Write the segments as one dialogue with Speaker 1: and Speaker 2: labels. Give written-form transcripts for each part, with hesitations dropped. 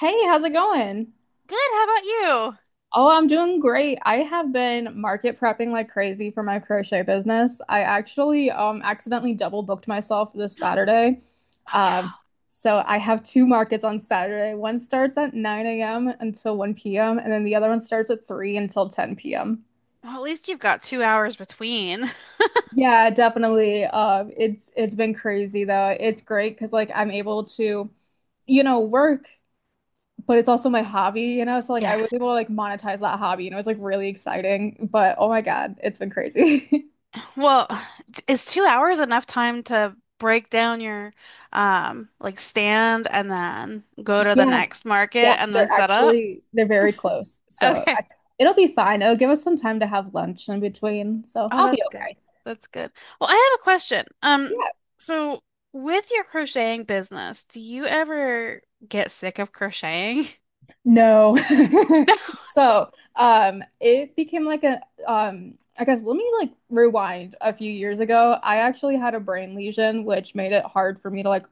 Speaker 1: Hey, how's it going?
Speaker 2: Good. How about you? Oh
Speaker 1: Oh, I'm doing great. I have been market prepping like crazy for my crochet business. I actually accidentally double booked myself this Saturday. Um,
Speaker 2: no.
Speaker 1: so I have two markets on Saturday. One starts at 9 a.m. until 1 p.m., and then the other one starts at 3 until 10 p.m.
Speaker 2: Well, at least you've got 2 hours between.
Speaker 1: Yeah, definitely. It's been crazy though. It's great because like I'm able to, you know, work but it's also my hobby, you know? So like I
Speaker 2: Yeah.
Speaker 1: was able to like monetize that hobby and it was like really exciting. But oh my God, it's been crazy.
Speaker 2: Well, is 2 hours enough time to break down your like stand and then go to the
Speaker 1: Yeah,
Speaker 2: next
Speaker 1: yeah,
Speaker 2: market and then
Speaker 1: they're
Speaker 2: set up?
Speaker 1: actually they're very close. So
Speaker 2: Okay.
Speaker 1: I, it'll be fine. It'll give us some time to have lunch in between. So
Speaker 2: Oh,
Speaker 1: I'll be
Speaker 2: that's good.
Speaker 1: okay.
Speaker 2: That's good. Well, I have a question. Um,
Speaker 1: Yeah.
Speaker 2: so with your crocheting business, do you ever get sick of crocheting?
Speaker 1: No.
Speaker 2: No.
Speaker 1: So, it became like a, I guess let me like rewind a few years ago. I actually had a brain lesion, which made it hard for me to like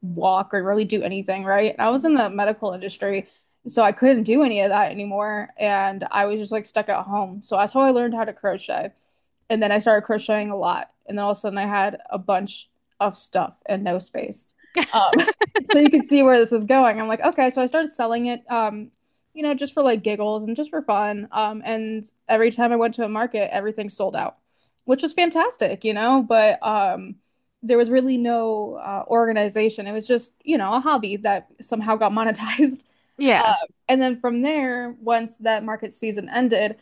Speaker 1: walk or really do anything, right? And I was
Speaker 2: Mhm.
Speaker 1: in the medical industry, so I couldn't do any of that anymore. And I was just like stuck at home. So that's how I learned how to crochet. And then I started crocheting a lot. And then all of a sudden I had a bunch of stuff and no space. Um, so you can see where this is going. I'm like, okay, so I started selling it, you know, just for like giggles and just for fun. And every time I went to a market, everything sold out, which was fantastic, you know, but there was really no organization. It was just, you know, a hobby that somehow got monetized. Uh,
Speaker 2: Yeah.
Speaker 1: and then from there, once that market season ended,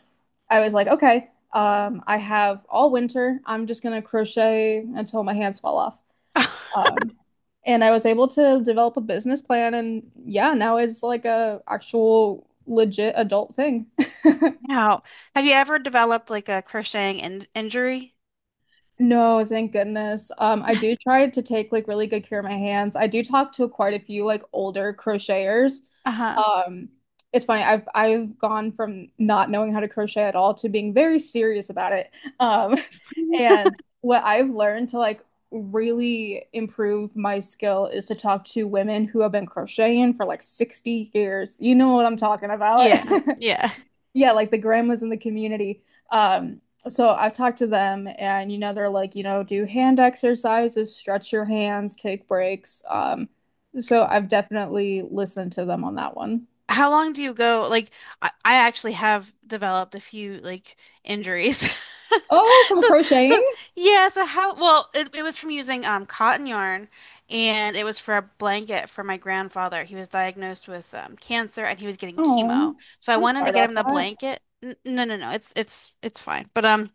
Speaker 1: I was like, okay, I have all winter. I'm just gonna crochet until my hands fall off. Um, and I was able to develop a business plan and yeah, now it's like a actual legit adult thing.
Speaker 2: Now, have you ever developed like a crocheting in injury?
Speaker 1: No, thank goodness. I do try to take like really good care of my hands. I do talk to quite a few like older crocheters.
Speaker 2: Uh-huh.
Speaker 1: Um, it's funny. I've gone from not knowing how to crochet at all to being very serious about it. Um, and what I've learned to like really improve my skill is to talk to women who have been crocheting for like 60 years. You know what I'm talking about.
Speaker 2: Yeah. Yeah.
Speaker 1: Yeah, like the grandmas in the community. Um, so I've talked to them, and you know, they're like, you know, do hand exercises, stretch your hands, take breaks. So I've definitely listened to them on that one.
Speaker 2: How long do you go? Like, I actually have developed a few like injuries.
Speaker 1: Oh, from
Speaker 2: So, so
Speaker 1: crocheting?
Speaker 2: yeah. So how? Well, it was from using cotton yarn, and it was for a blanket for my grandfather. He was diagnosed with cancer, and he was getting chemo.
Speaker 1: Oh,
Speaker 2: So I
Speaker 1: I'm
Speaker 2: wanted
Speaker 1: sorry
Speaker 2: to get
Speaker 1: about
Speaker 2: him the
Speaker 1: that.
Speaker 2: blanket. N No, no, no. It's it's fine. But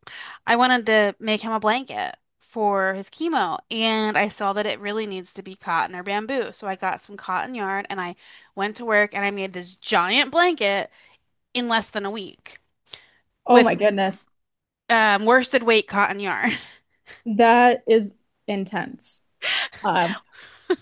Speaker 2: I wanted to make him a blanket for his chemo, and I saw that it really needs to be cotton or bamboo. So I got some cotton yarn, and I went to work, and I made this giant blanket in less than a week
Speaker 1: Oh my
Speaker 2: with
Speaker 1: goodness.
Speaker 2: worsted weight cotton yarn.
Speaker 1: That is intense. Um,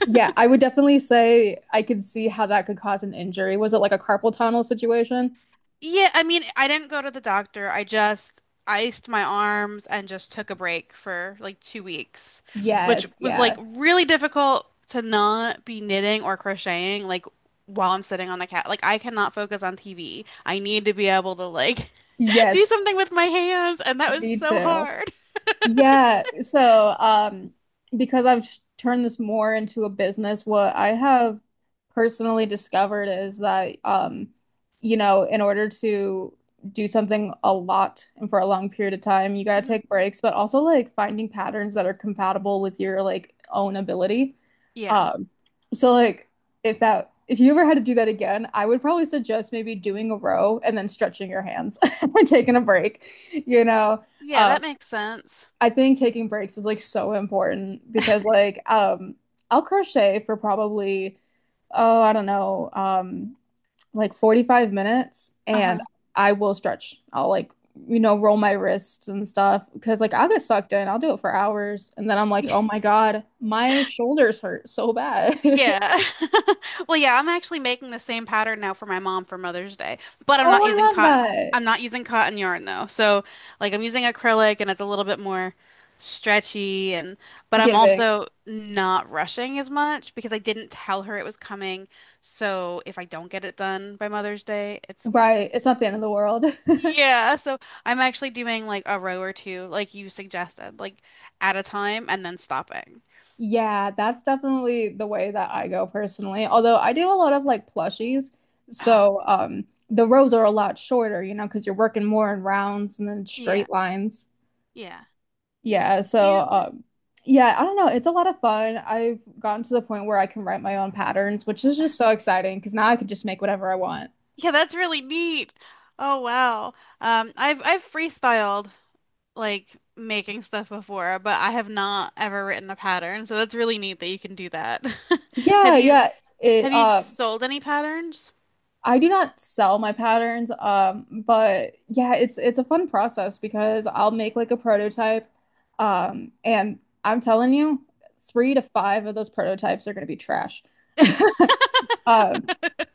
Speaker 1: yeah, I would definitely say I could see how that could cause an injury. Was it like a carpal tunnel situation?
Speaker 2: Yeah, I mean, I didn't go to the doctor. I just iced my arms and just took a break for like 2 weeks, which
Speaker 1: Yes,
Speaker 2: was like
Speaker 1: yeah.
Speaker 2: really difficult to not be knitting or crocheting like while I'm sitting on the cat. Like I cannot focus on TV. I need to be able to like do
Speaker 1: Yes,
Speaker 2: something with my hands, and that was
Speaker 1: me
Speaker 2: so
Speaker 1: too.
Speaker 2: hard.
Speaker 1: Yeah, so because turned this more into a business, what I have personally discovered is that you know, in order to do something a lot and for a long period of time, you gotta
Speaker 2: Mhm.
Speaker 1: take breaks, but also like finding patterns that are compatible with your like own ability.
Speaker 2: Yeah.
Speaker 1: Um, so like if that if you ever had to do that again, I would probably suggest maybe doing a row and then stretching your hands and taking a break, you know.
Speaker 2: Yeah,
Speaker 1: Um,
Speaker 2: that makes sense.
Speaker 1: I think taking breaks is like so important because like I'll crochet for probably oh, I don't know, like 45 minutes and
Speaker 2: Uh-huh.
Speaker 1: I will stretch. I'll like you know roll my wrists and stuff because like I'll get sucked in. I'll do it for hours and then I'm like, "Oh my God, my shoulders hurt so bad."
Speaker 2: Yeah. Well, yeah, I'm actually making the same pattern now for my mom for Mother's Day, but I'm
Speaker 1: Oh,
Speaker 2: not using
Speaker 1: I love
Speaker 2: cotton.
Speaker 1: that.
Speaker 2: I'm not using cotton yarn though. So, like I'm using acrylic and it's a little bit more stretchy and but I'm
Speaker 1: Giving.
Speaker 2: also not rushing as much because I didn't tell her it was coming. So, if I don't get it done by Mother's Day, it's
Speaker 1: Right. It's not the end of the world.
Speaker 2: yeah, so I'm actually doing like a row or two like you suggested, like at a time and then stopping.
Speaker 1: Yeah, that's definitely the way that I go personally. Although I do a lot of like plushies.
Speaker 2: Oh,
Speaker 1: So, the rows are a lot shorter, you know, because you're working more in rounds and then
Speaker 2: yeah.
Speaker 1: straight lines.
Speaker 2: Yeah.
Speaker 1: Yeah, so
Speaker 2: You
Speaker 1: um, yeah, I don't know. It's a lot of fun. I've gotten to the point where I can write my own patterns, which is just so exciting because now I can just make whatever I want.
Speaker 2: yeah, that's really neat. Oh wow. I've freestyled like making stuff before, but I have not ever written a pattern. So that's really neat that you can do that. Have
Speaker 1: Yeah,
Speaker 2: you
Speaker 1: yeah. It
Speaker 2: have you sold any patterns?
Speaker 1: I do not sell my patterns, but yeah, it's a fun process because I'll make like a prototype, and I'm telling you, three to five of those prototypes are going to be trash. Um,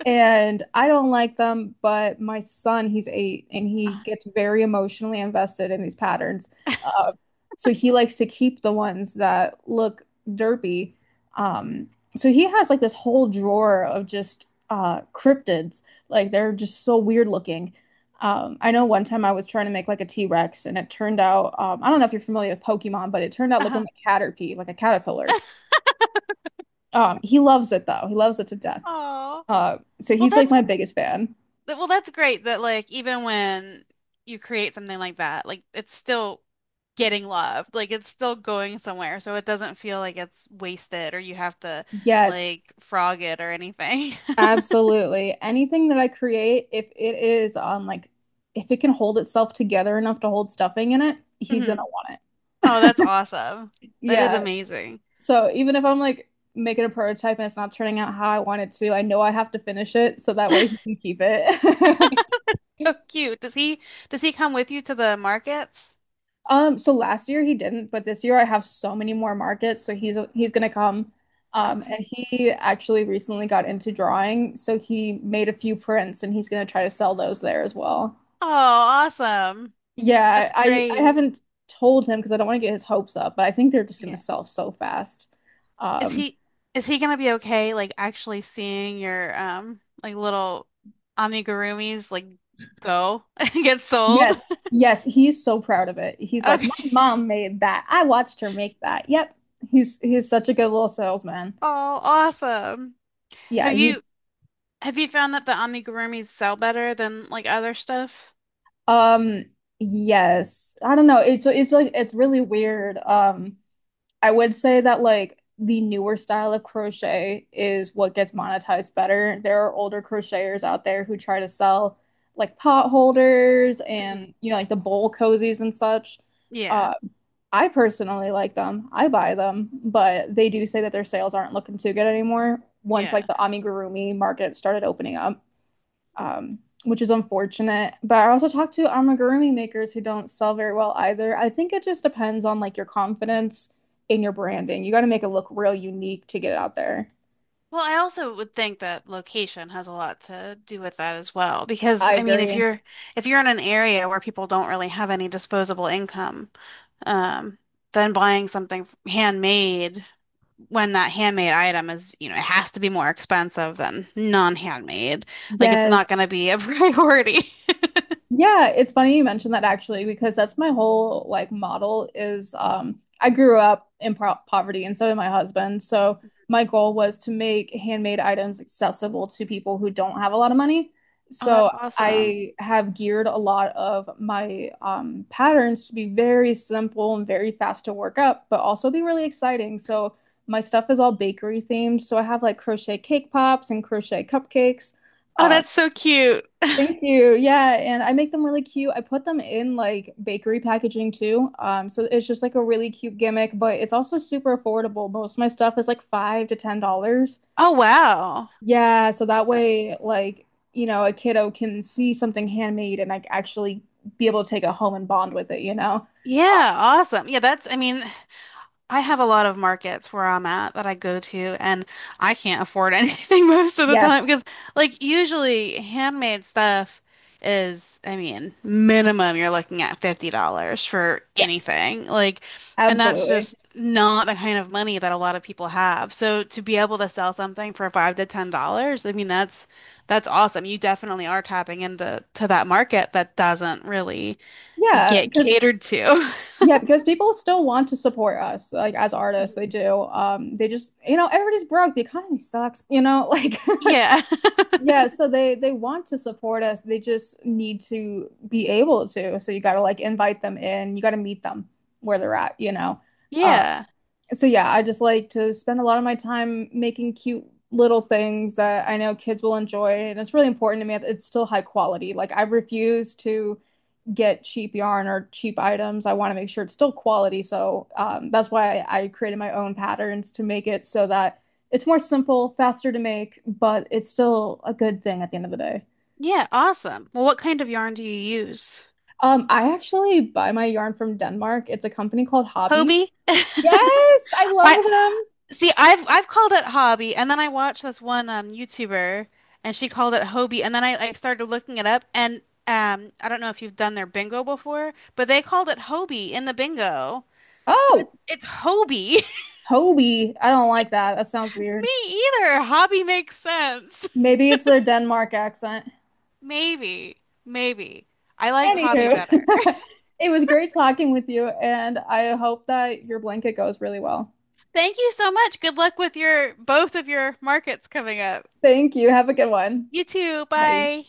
Speaker 1: and I don't like them, but my son, he's eight and he
Speaker 2: Uh,
Speaker 1: gets very emotionally invested in these patterns. Uh, so he likes to keep the ones that look derpy. Um, so he has like this whole drawer of just cryptids. Like they're just so weird looking. I know one time I was trying to make like a T-Rex and it turned out, I don't know if you're familiar with Pokemon, but it turned out looking
Speaker 2: uh-huh.
Speaker 1: like Caterpie, like a caterpillar. He loves it though. He loves it to death.
Speaker 2: Oh.
Speaker 1: So
Speaker 2: Well,
Speaker 1: he's like
Speaker 2: that's
Speaker 1: my biggest fan.
Speaker 2: well, that's great that like even when you create something like that, like it's still getting loved. Like it's still going somewhere, so it doesn't feel like it's wasted or you have to
Speaker 1: Yes,
Speaker 2: like frog it or anything.
Speaker 1: absolutely. Anything that I create, if it is on like, if it can hold itself together enough to hold stuffing in it, he's gonna
Speaker 2: Mhm.
Speaker 1: want it.
Speaker 2: Oh, that's awesome. That is
Speaker 1: Yeah.
Speaker 2: amazing.
Speaker 1: So even if I'm like making a prototype and it's not turning out how I want it to, I know I have to finish it so that way he can keep it.
Speaker 2: So cute. Does he come with you to the markets?
Speaker 1: So last year he didn't, but this year I have so many more markets, so he's gonna come. And
Speaker 2: Okay.
Speaker 1: he actually recently got into drawing, so he made a few prints and he's gonna try to sell those there as well.
Speaker 2: Oh, awesome.
Speaker 1: Yeah,
Speaker 2: That's
Speaker 1: I
Speaker 2: great.
Speaker 1: haven't told him because I don't want to get his hopes up, but I think they're just gonna
Speaker 2: Yeah.
Speaker 1: sell so fast.
Speaker 2: Is
Speaker 1: Um,
Speaker 2: he is he gonna be okay like actually seeing your like little amigurumis like go and get sold?
Speaker 1: yes, yes, he's so proud of it. He's like, my
Speaker 2: Okay.
Speaker 1: mom made that. I watched her make that. Yep. He's such a good little salesman.
Speaker 2: Oh, awesome.
Speaker 1: Yeah,
Speaker 2: Have
Speaker 1: he's
Speaker 2: you have you found that the amigurumis sell better than like other stuff?
Speaker 1: um yes. I don't know. It's like it's really weird. I would say that like the newer style of crochet is what gets monetized better. There are older crocheters out there who try to sell like pot holders
Speaker 2: Mhm.
Speaker 1: and you know like the bowl cozies and such.
Speaker 2: Yeah.
Speaker 1: Uh, I personally like them. I buy them, but they do say that their sales aren't looking too good anymore once like
Speaker 2: Yeah.
Speaker 1: the amigurumi market started opening up um, which is unfortunate. But I also talked to amigurumi makers who don't sell very well either. I think it just depends on like your confidence in your branding. You got to make it look real unique to get it out there.
Speaker 2: Well, I also would think that location has a lot to do with that as well, because
Speaker 1: I
Speaker 2: I mean,
Speaker 1: agree.
Speaker 2: if you're in an area where people don't really have any disposable income, um, then buying something handmade when that handmade item is, you know, it has to be more expensive than non-handmade. Like it's not
Speaker 1: Yes.
Speaker 2: going to be a priority.
Speaker 1: Yeah, it's funny you mentioned that actually, because that's my whole like model is I grew up in pro poverty and so did my husband. So my goal was to make handmade items accessible to people who don't have a lot of money.
Speaker 2: Oh,
Speaker 1: So
Speaker 2: that's awesome.
Speaker 1: I have geared a lot of my patterns to be very simple and very fast to work up, but also be really exciting. So my stuff is all bakery themed. So I have like crochet cake pops and crochet cupcakes
Speaker 2: Oh,
Speaker 1: uh,
Speaker 2: that's so cute.
Speaker 1: Thank you. Yeah, and I make them really cute. I put them in like bakery packaging too. So it's just like a really cute gimmick, but it's also super affordable. Most of my stuff is like $5 to $10.
Speaker 2: Oh, wow.
Speaker 1: Yeah, so that way, like, you know, a kiddo can see something handmade and like actually be able to take it home and bond with it, you know?
Speaker 2: Yeah, awesome. Yeah, that's, I mean, I have a lot of markets where I'm at that I go to, and I can't afford anything most of the time
Speaker 1: Yes.
Speaker 2: because, like, usually handmade stuff is, I mean, minimum you're looking at $50 for
Speaker 1: Yes.
Speaker 2: anything. Like, and that's
Speaker 1: Absolutely.
Speaker 2: just not the kind of money that a lot of people have. So to be able to sell something for $5 to $10, I mean, that's awesome. You definitely are tapping into to that market that doesn't really
Speaker 1: Yeah,
Speaker 2: get
Speaker 1: because
Speaker 2: catered to.
Speaker 1: yeah, because people still want to support us, like as artists, they
Speaker 2: Mhm.
Speaker 1: do. They just, you know, everybody's broke. The economy sucks, you know, like
Speaker 2: Yeah.
Speaker 1: Yeah, so they want to support us. They just need to be able to. So you got to like invite them in. You got to meet them where they're at, you know. Uh,
Speaker 2: Yeah.
Speaker 1: so yeah, I just like to spend a lot of my time making cute little things that I know kids will enjoy, and it's really important to me. It's still high quality. Like I refuse to get cheap yarn or cheap items. I want to make sure it's still quality. So that's why I created my own patterns to make it so that it's more simple, faster to make, but it's still a good thing at the end of the day.
Speaker 2: Yeah, awesome. Well, what kind of yarn do you use?
Speaker 1: I actually buy my yarn from Denmark. It's a company called Hobby.
Speaker 2: Hobie?
Speaker 1: Yes, I
Speaker 2: I
Speaker 1: love them.
Speaker 2: see I've called it hobby and then I watched this one YouTuber and she called it Hobie and then I started looking it up and I don't know if you've done their bingo before, but they called it Hobie in the bingo. So
Speaker 1: Oh,
Speaker 2: it's Hobie.
Speaker 1: Hobie. I don't like that. That sounds weird.
Speaker 2: Me either. Hobby makes sense.
Speaker 1: Maybe it's their Denmark accent.
Speaker 2: Maybe. Maybe. I like hobby
Speaker 1: Anywho,
Speaker 2: better.
Speaker 1: it was great talking with you, and I hope that your blanket goes really well.
Speaker 2: Thank you so much. Good luck with your both of your markets coming up.
Speaker 1: Thank you. Have a good one.
Speaker 2: You too.
Speaker 1: Bye.
Speaker 2: Bye.